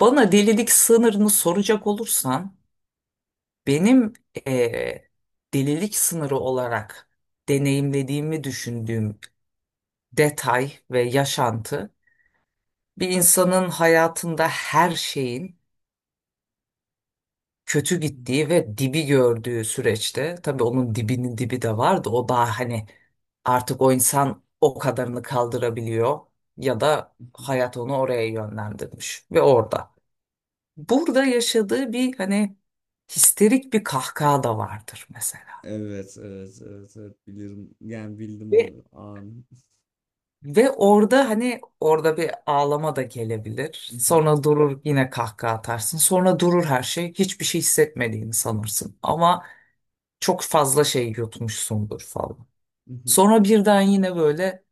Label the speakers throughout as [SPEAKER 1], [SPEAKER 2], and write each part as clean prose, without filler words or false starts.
[SPEAKER 1] Bana delilik sınırını soracak olursan benim eee, delilik sınırı olarak deneyimlediğimi düşündüğüm detay ve yaşantı, bir insanın hayatında her şeyin
[SPEAKER 2] Hı
[SPEAKER 1] kötü
[SPEAKER 2] hı,
[SPEAKER 1] gittiği ve dibi gördüğü süreçte, tabii onun dibinin dibi de vardı, o daha hani artık o insan o kadarını kaldırabiliyor ya da
[SPEAKER 2] hı hı.
[SPEAKER 1] hayat onu oraya yönlendirmiş ve orada. Burada yaşadığı bir hani histerik bir kahkaha da vardır mesela.
[SPEAKER 2] Evet, evet, evet, evet bilirim. Yani bildim
[SPEAKER 1] Ve
[SPEAKER 2] o an.
[SPEAKER 1] ve orada hani orada bir ağlama da gelebilir.
[SPEAKER 2] Hı hı,
[SPEAKER 1] Sonra durur, yine kahkaha atarsın. Sonra durur her şey. Hiçbir şey hissetmediğini sanırsın. Ama çok fazla şey yutmuşsundur falan.
[SPEAKER 2] hı hı,
[SPEAKER 1] Sonra birden yine böyle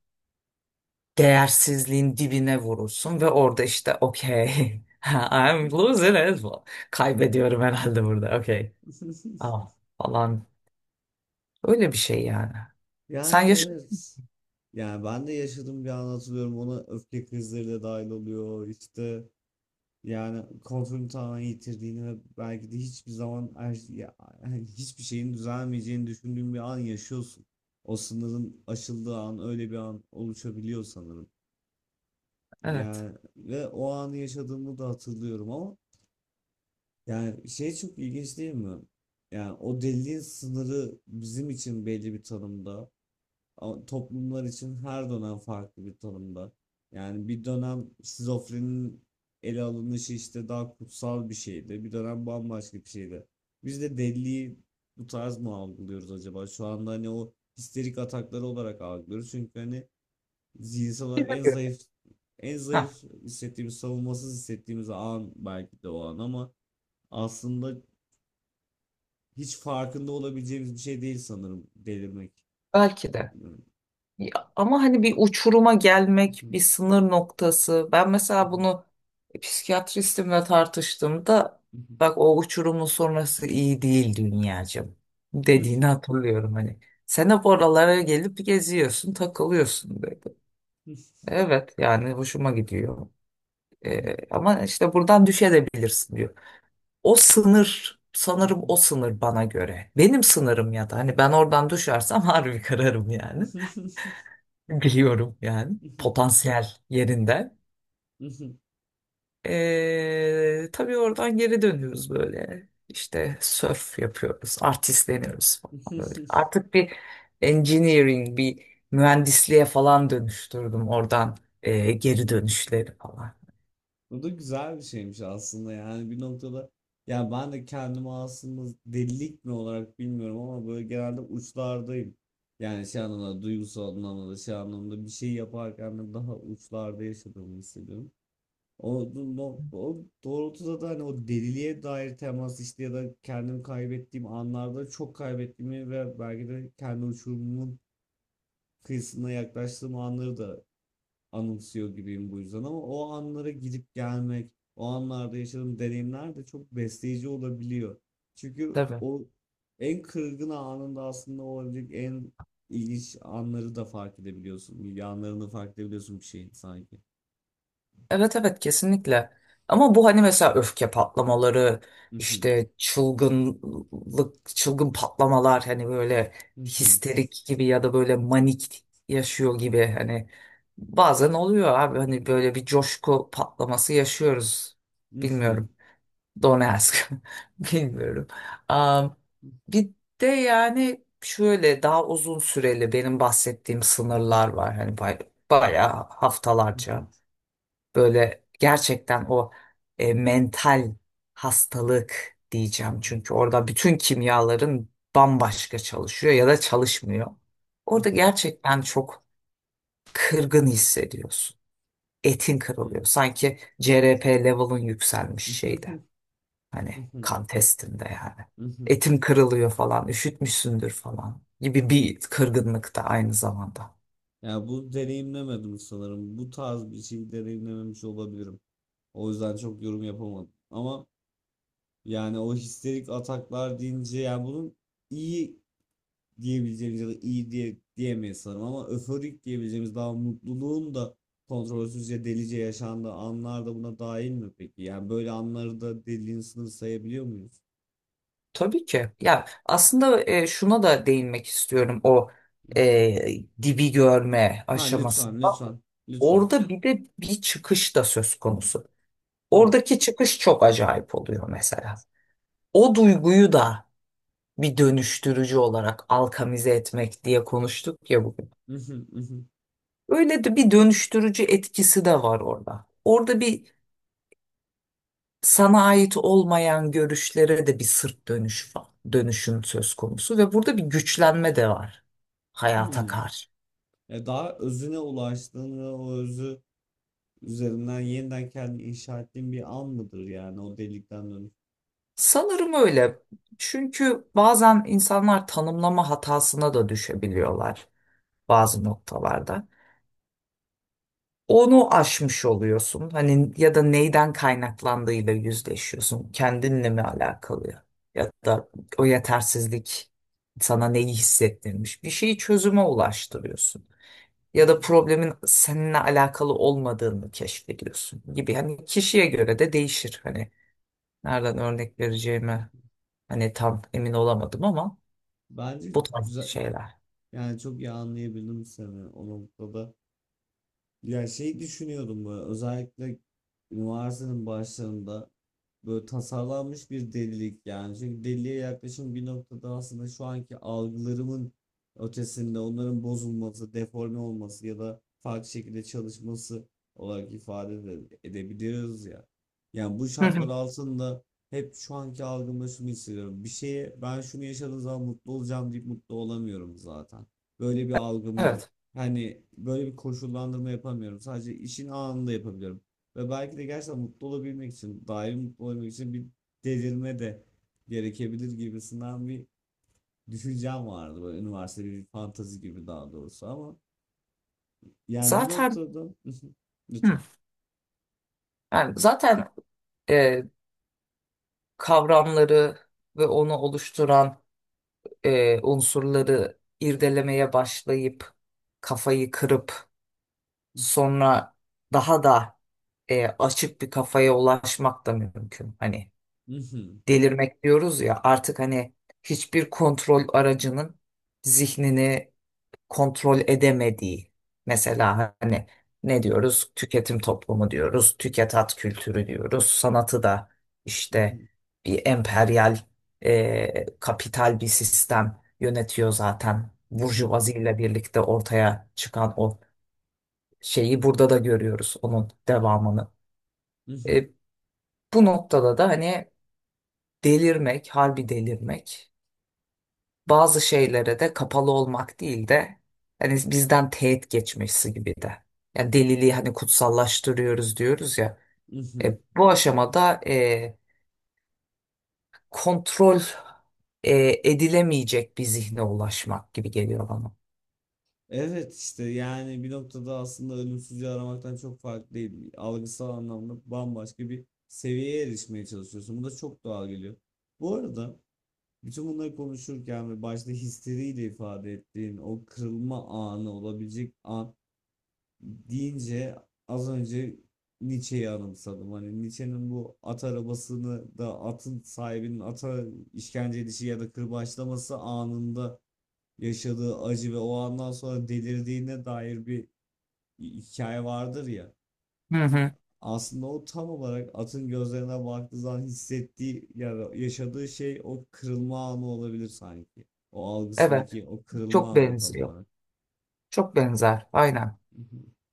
[SPEAKER 1] değersizliğin dibine vurursun ve orada işte okey.
[SPEAKER 2] hı
[SPEAKER 1] I'm
[SPEAKER 2] hı.
[SPEAKER 1] losing it. Kaybediyorum herhalde burada. Okey. Ah, falan. Öyle bir şey yani. Sen
[SPEAKER 2] Yani
[SPEAKER 1] yaşa,
[SPEAKER 2] evet. Yani ben de yaşadığım bir an hatırlıyorum. Ona öfke krizleri de dahil oluyor. İşte yani kontrolünü tamamen yitirdiğini ve belki de hiçbir zaman yani hiçbir şeyin düzelmeyeceğini düşündüğün bir an yaşıyorsun. O sınırın aşıldığı an öyle bir an oluşabiliyor sanırım.
[SPEAKER 1] evet.
[SPEAKER 2] Yani ve o anı yaşadığımı da hatırlıyorum ama yani şey, çok ilginç değil mi? Yani o deliliğin sınırı bizim için belli bir tanımda. Ama toplumlar için her dönem farklı bir tanımda. Yani bir dönem şizofrenin ele alınışı işte daha kutsal bir şeydi. Bir dönem bambaşka bir şeydi. Biz de deliliği bu tarz mı algılıyoruz acaba? Şu anda hani o histerik atakları olarak algılıyoruz. Çünkü hani zihinsel olarak en
[SPEAKER 1] Bilmiyorum.
[SPEAKER 2] zayıf en
[SPEAKER 1] Ha,
[SPEAKER 2] zayıf hissettiğimiz, savunmasız hissettiğimiz an belki de o an ama aslında hiç farkında olabileceğimiz bir şey değil sanırım delirmek.
[SPEAKER 1] belki de.
[SPEAKER 2] Bilmiyorum.
[SPEAKER 1] Ya, ama hani bir uçuruma gelmek, bir sınır noktası. Ben mesela bunu psikiyatristimle tartıştığımda, bak o uçurumun sonrası iyi değil dünyacığım dediğini hatırlıyorum hani. Sen hep oralara gelip geziyorsun, takılıyorsun dedi. Evet yani hoşuma gidiyor. Ama işte buradan düşebilirsin diyor. O sınır, sanırım o sınır bana göre. Benim sınırım ya da hani ben oradan düşersem harbi kararım yani. Biliyorum yani potansiyel yerinde. Tabii oradan geri dönüyoruz böyle. İşte surf yapıyoruz, artistleniyoruz falan böyle. Artık bir engineering, bir mühendisliğe falan dönüştürdüm oradan geri dönüşleri falan.
[SPEAKER 2] Bu da güzel bir şeymiş aslında, yani bir noktada ya ben de kendimi aslında delilik mi olarak bilmiyorum ama böyle genelde uçlardayım. Yani şey anlamda, duygusal anlamda da, şey anlamda bir şey yaparken de daha uçlarda yaşadığımı hissediyorum. O, o doğrultuda da hani o deliliğe dair temas işte ya da kendimi kaybettiğim anlarda çok kaybettiğimi ve belki de kendi uçurumumun kıyısına yaklaştığım anları da anımsıyor gibiyim, bu yüzden ama o anlara gidip gelmek, o anlarda yaşadığım deneyimler de çok besleyici olabiliyor. Çünkü
[SPEAKER 1] Tabii.
[SPEAKER 2] o en kırgın anında aslında olabilecek en ilginç anları da fark edebiliyorsun. Yanlarını fark edebiliyorsun bir şeyin sanki.
[SPEAKER 1] Evet, evet, kesinlikle. Ama bu hani mesela öfke patlamaları, işte çılgınlık, çılgın patlamalar, hani böyle histerik gibi ya da böyle manik yaşıyor gibi, hani bazen oluyor abi, hani böyle bir coşku patlaması yaşıyoruz. Bilmiyorum. Donetsk. Bilmiyorum. Am, Bir de yani şöyle daha uzun süreli benim bahsettiğim
[SPEAKER 2] Mhm,
[SPEAKER 1] sınırlar var hani bayağı
[SPEAKER 2] mhm,
[SPEAKER 1] haftalarca. Böyle gerçekten o mental hastalık diyeceğim.
[SPEAKER 2] mhm,
[SPEAKER 1] Çünkü orada bütün kimyaların bambaşka çalışıyor ya da çalışmıyor. Orada
[SPEAKER 2] mhm,
[SPEAKER 1] gerçekten çok kırgın hissediyorsun. Etin kırılıyor.
[SPEAKER 2] mhm.
[SPEAKER 1] Sanki CRP level'ın yükselmiş şeyde. Hani
[SPEAKER 2] Mhm,
[SPEAKER 1] kan testinde yani.
[SPEAKER 2] mhm.
[SPEAKER 1] Etim kırılıyor falan, üşütmüşsündür falan gibi bir kırgınlık da aynı zamanda.
[SPEAKER 2] Ya bu deneyimlemedim sanırım. Bu tarz bir şey deneyimlememiş olabilirim. O yüzden çok yorum yapamadım. Ama yani o histerik ataklar deyince, yani bunun iyi diyebileceğimiz ya da iyi diye diyemeyiz sanırım ama öforik diyebileceğimiz, daha mutluluğun da kontrolsüzce delice yaşandığı anlar da buna dahil mi peki? Yani böyle anları da deliliğin sınırı sayabiliyor muyuz?
[SPEAKER 1] Tabii ki. Ya aslında şuna da değinmek istiyorum, o
[SPEAKER 2] Mhm.
[SPEAKER 1] dibi görme
[SPEAKER 2] Ha
[SPEAKER 1] aşamasında.
[SPEAKER 2] lütfen, lütfen lütfen.
[SPEAKER 1] Orada bir de bir çıkış da söz konusu.
[SPEAKER 2] Hı.
[SPEAKER 1] Oradaki çıkış çok acayip oluyor mesela. O duyguyu da bir dönüştürücü olarak alkamize etmek diye konuştuk ya bugün.
[SPEAKER 2] Hı hı, hı hı.
[SPEAKER 1] Öyle de bir dönüştürücü etkisi de var orada. Orada bir sana ait olmayan görüşlere de bir sırt dönüş var. Dönüşüm söz konusu ve burada bir güçlenme de var hayata
[SPEAKER 2] Hıı.
[SPEAKER 1] karşı.
[SPEAKER 2] Ya, daha özüne ulaştığın ve o özü üzerinden yeniden kendini inşa ettiğin bir an mıdır yani o delikten dönüp?
[SPEAKER 1] Sanırım öyle. Çünkü bazen insanlar tanımlama hatasına da düşebiliyorlar bazı noktalarda. Onu aşmış oluyorsun. Hani ya da neyden kaynaklandığıyla yüzleşiyorsun. Kendinle mi alakalı? Ya da o yetersizlik sana neyi hissettirmiş? Bir şeyi çözüme ulaştırıyorsun.
[SPEAKER 2] Hı
[SPEAKER 1] Ya da
[SPEAKER 2] hı,
[SPEAKER 1] problemin seninle alakalı olmadığını keşfediyorsun gibi. Hani kişiye göre de değişir. Hani nereden örnek vereceğimi
[SPEAKER 2] hı.
[SPEAKER 1] hani tam emin olamadım, ama
[SPEAKER 2] Bence
[SPEAKER 1] bu tarz
[SPEAKER 2] güzel,
[SPEAKER 1] şeyler.
[SPEAKER 2] yani çok iyi anlayabildim seni o noktada. Ya şey düşünüyordum böyle, özellikle üniversitenin başlarında, böyle tasarlanmış bir delilik yani. Çünkü deliliğe yaklaşım bir noktada aslında şu anki algılarımın ötesinde, onların bozulması, deforme olması ya da farklı şekilde çalışması olarak ifade de edebiliyoruz ya. Yani bu
[SPEAKER 1] Hı
[SPEAKER 2] şartlar
[SPEAKER 1] hı.
[SPEAKER 2] altında hep şu anki algımda şunu hissediyorum. Bir şeye ben şunu yaşadığım zaman mutlu olacağım deyip mutlu olamıyorum zaten. Böyle bir algım yok.
[SPEAKER 1] Evet.
[SPEAKER 2] Hani böyle bir koşullandırma yapamıyorum. Sadece işin anında yapabiliyorum. Ve belki de gerçekten mutlu olabilmek için, daim mutlu olabilmek için bir delirme de gerekebilir gibisinden bir düşüncem vardı. Böyle üniversite bir fantezi gibi, daha doğrusu ama yani bir
[SPEAKER 1] Zaten,
[SPEAKER 2] noktada
[SPEAKER 1] hı. Yani zaten e, kavramları ve onu oluşturan unsurları irdelemeye başlayıp kafayı kırıp sonra daha da açık bir kafaya ulaşmak da mümkün. Hani delirmek diyoruz ya, artık hani hiçbir kontrol aracının zihnini kontrol edemediği, mesela hani ne
[SPEAKER 2] lütfen.
[SPEAKER 1] diyoruz, tüketim toplumu diyoruz, tüketat kültürü diyoruz, sanatı da işte bir emperyal kapital bir sistem yönetiyor, zaten burjuvazi ile birlikte ortaya çıkan o şeyi burada da görüyoruz, onun devamını. E, Bu noktada da hani delirmek, harbi delirmek, bazı şeylere de kapalı olmak değil de hani bizden teğet geçmesi gibi de. Yani deliliği hani kutsallaştırıyoruz diyoruz ya. Bu aşamada kontrol edilemeyecek bir zihne ulaşmak gibi geliyor bana.
[SPEAKER 2] Evet işte, yani bir noktada aslında ölümsüzlüğü aramaktan çok farklı değil. Algısal anlamda bambaşka bir seviyeye erişmeye çalışıyorsun. Bu da çok doğal geliyor. Bu arada bütün bunları konuşurken ve başta histeriyle ifade ettiğin o kırılma anı olabilecek an deyince, az önce Nietzsche'yi anımsadım. Hani Nietzsche'nin bu at arabasını da, atın sahibinin ata işkence edişi ya da kırbaçlaması anında yaşadığı acı ve o andan sonra delirdiğine dair bir hikaye vardır ya.
[SPEAKER 1] Hı hı.
[SPEAKER 2] Aslında o tam olarak atın gözlerine baktığı zaman hissettiği ya yaşadığı şey o kırılma anı olabilir sanki. O
[SPEAKER 1] Evet,
[SPEAKER 2] algısındaki o
[SPEAKER 1] çok
[SPEAKER 2] kırılma anı tam
[SPEAKER 1] benziyor.
[SPEAKER 2] olarak.
[SPEAKER 1] Çok benzer, aynen.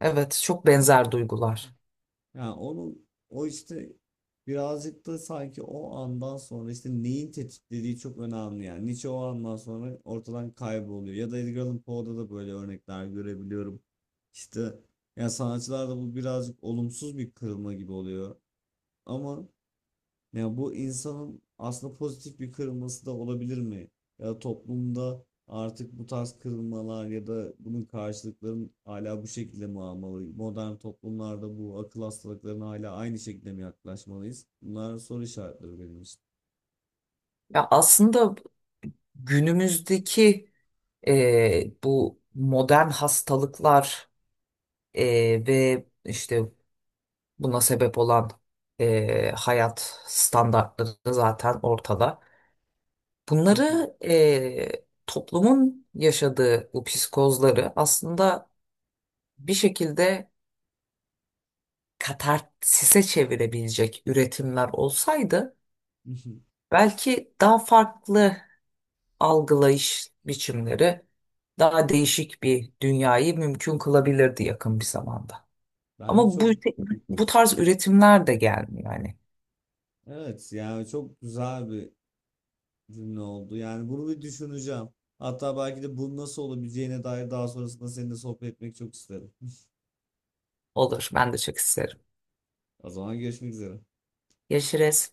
[SPEAKER 1] Evet, çok benzer duygular.
[SPEAKER 2] Yani onun o işte birazcık da sanki, o andan sonra işte neyin tetiklediği çok önemli yani. Nietzsche o andan sonra ortadan kayboluyor. Ya da Edgar Allan Poe'da da böyle örnekler görebiliyorum. İşte yani sanatçılarda bu birazcık olumsuz bir kırılma gibi oluyor. Ama ya bu insanın aslında pozitif bir kırılması da olabilir mi? Ya toplumda artık bu tarz kırılmalar ya da bunun karşılıkların hala bu şekilde mi almalı? Modern toplumlarda bu akıl hastalıklarına hala aynı şekilde mi yaklaşmalıyız? Bunlar soru işaretleri benim için.
[SPEAKER 1] Ya aslında günümüzdeki bu modern hastalıklar ve işte buna sebep olan hayat standartları zaten ortada. Bunları toplumun yaşadığı bu psikozları aslında bir şekilde katarsise çevirebilecek üretimler olsaydı, belki daha farklı algılayış biçimleri, daha değişik bir dünyayı mümkün kılabilirdi yakın bir zamanda.
[SPEAKER 2] Bence
[SPEAKER 1] Ama bu,
[SPEAKER 2] çok,
[SPEAKER 1] bu tarz üretimler de gelmiyor yani.
[SPEAKER 2] evet, yani çok güzel bir cümle oldu. Yani bunu bir düşüneceğim. Hatta belki de bunun nasıl olabileceğine dair daha sonrasında seninle sohbet etmek çok isterim.
[SPEAKER 1] Olur, ben de çok isterim.
[SPEAKER 2] O zaman görüşmek üzere.
[SPEAKER 1] Yaşarız.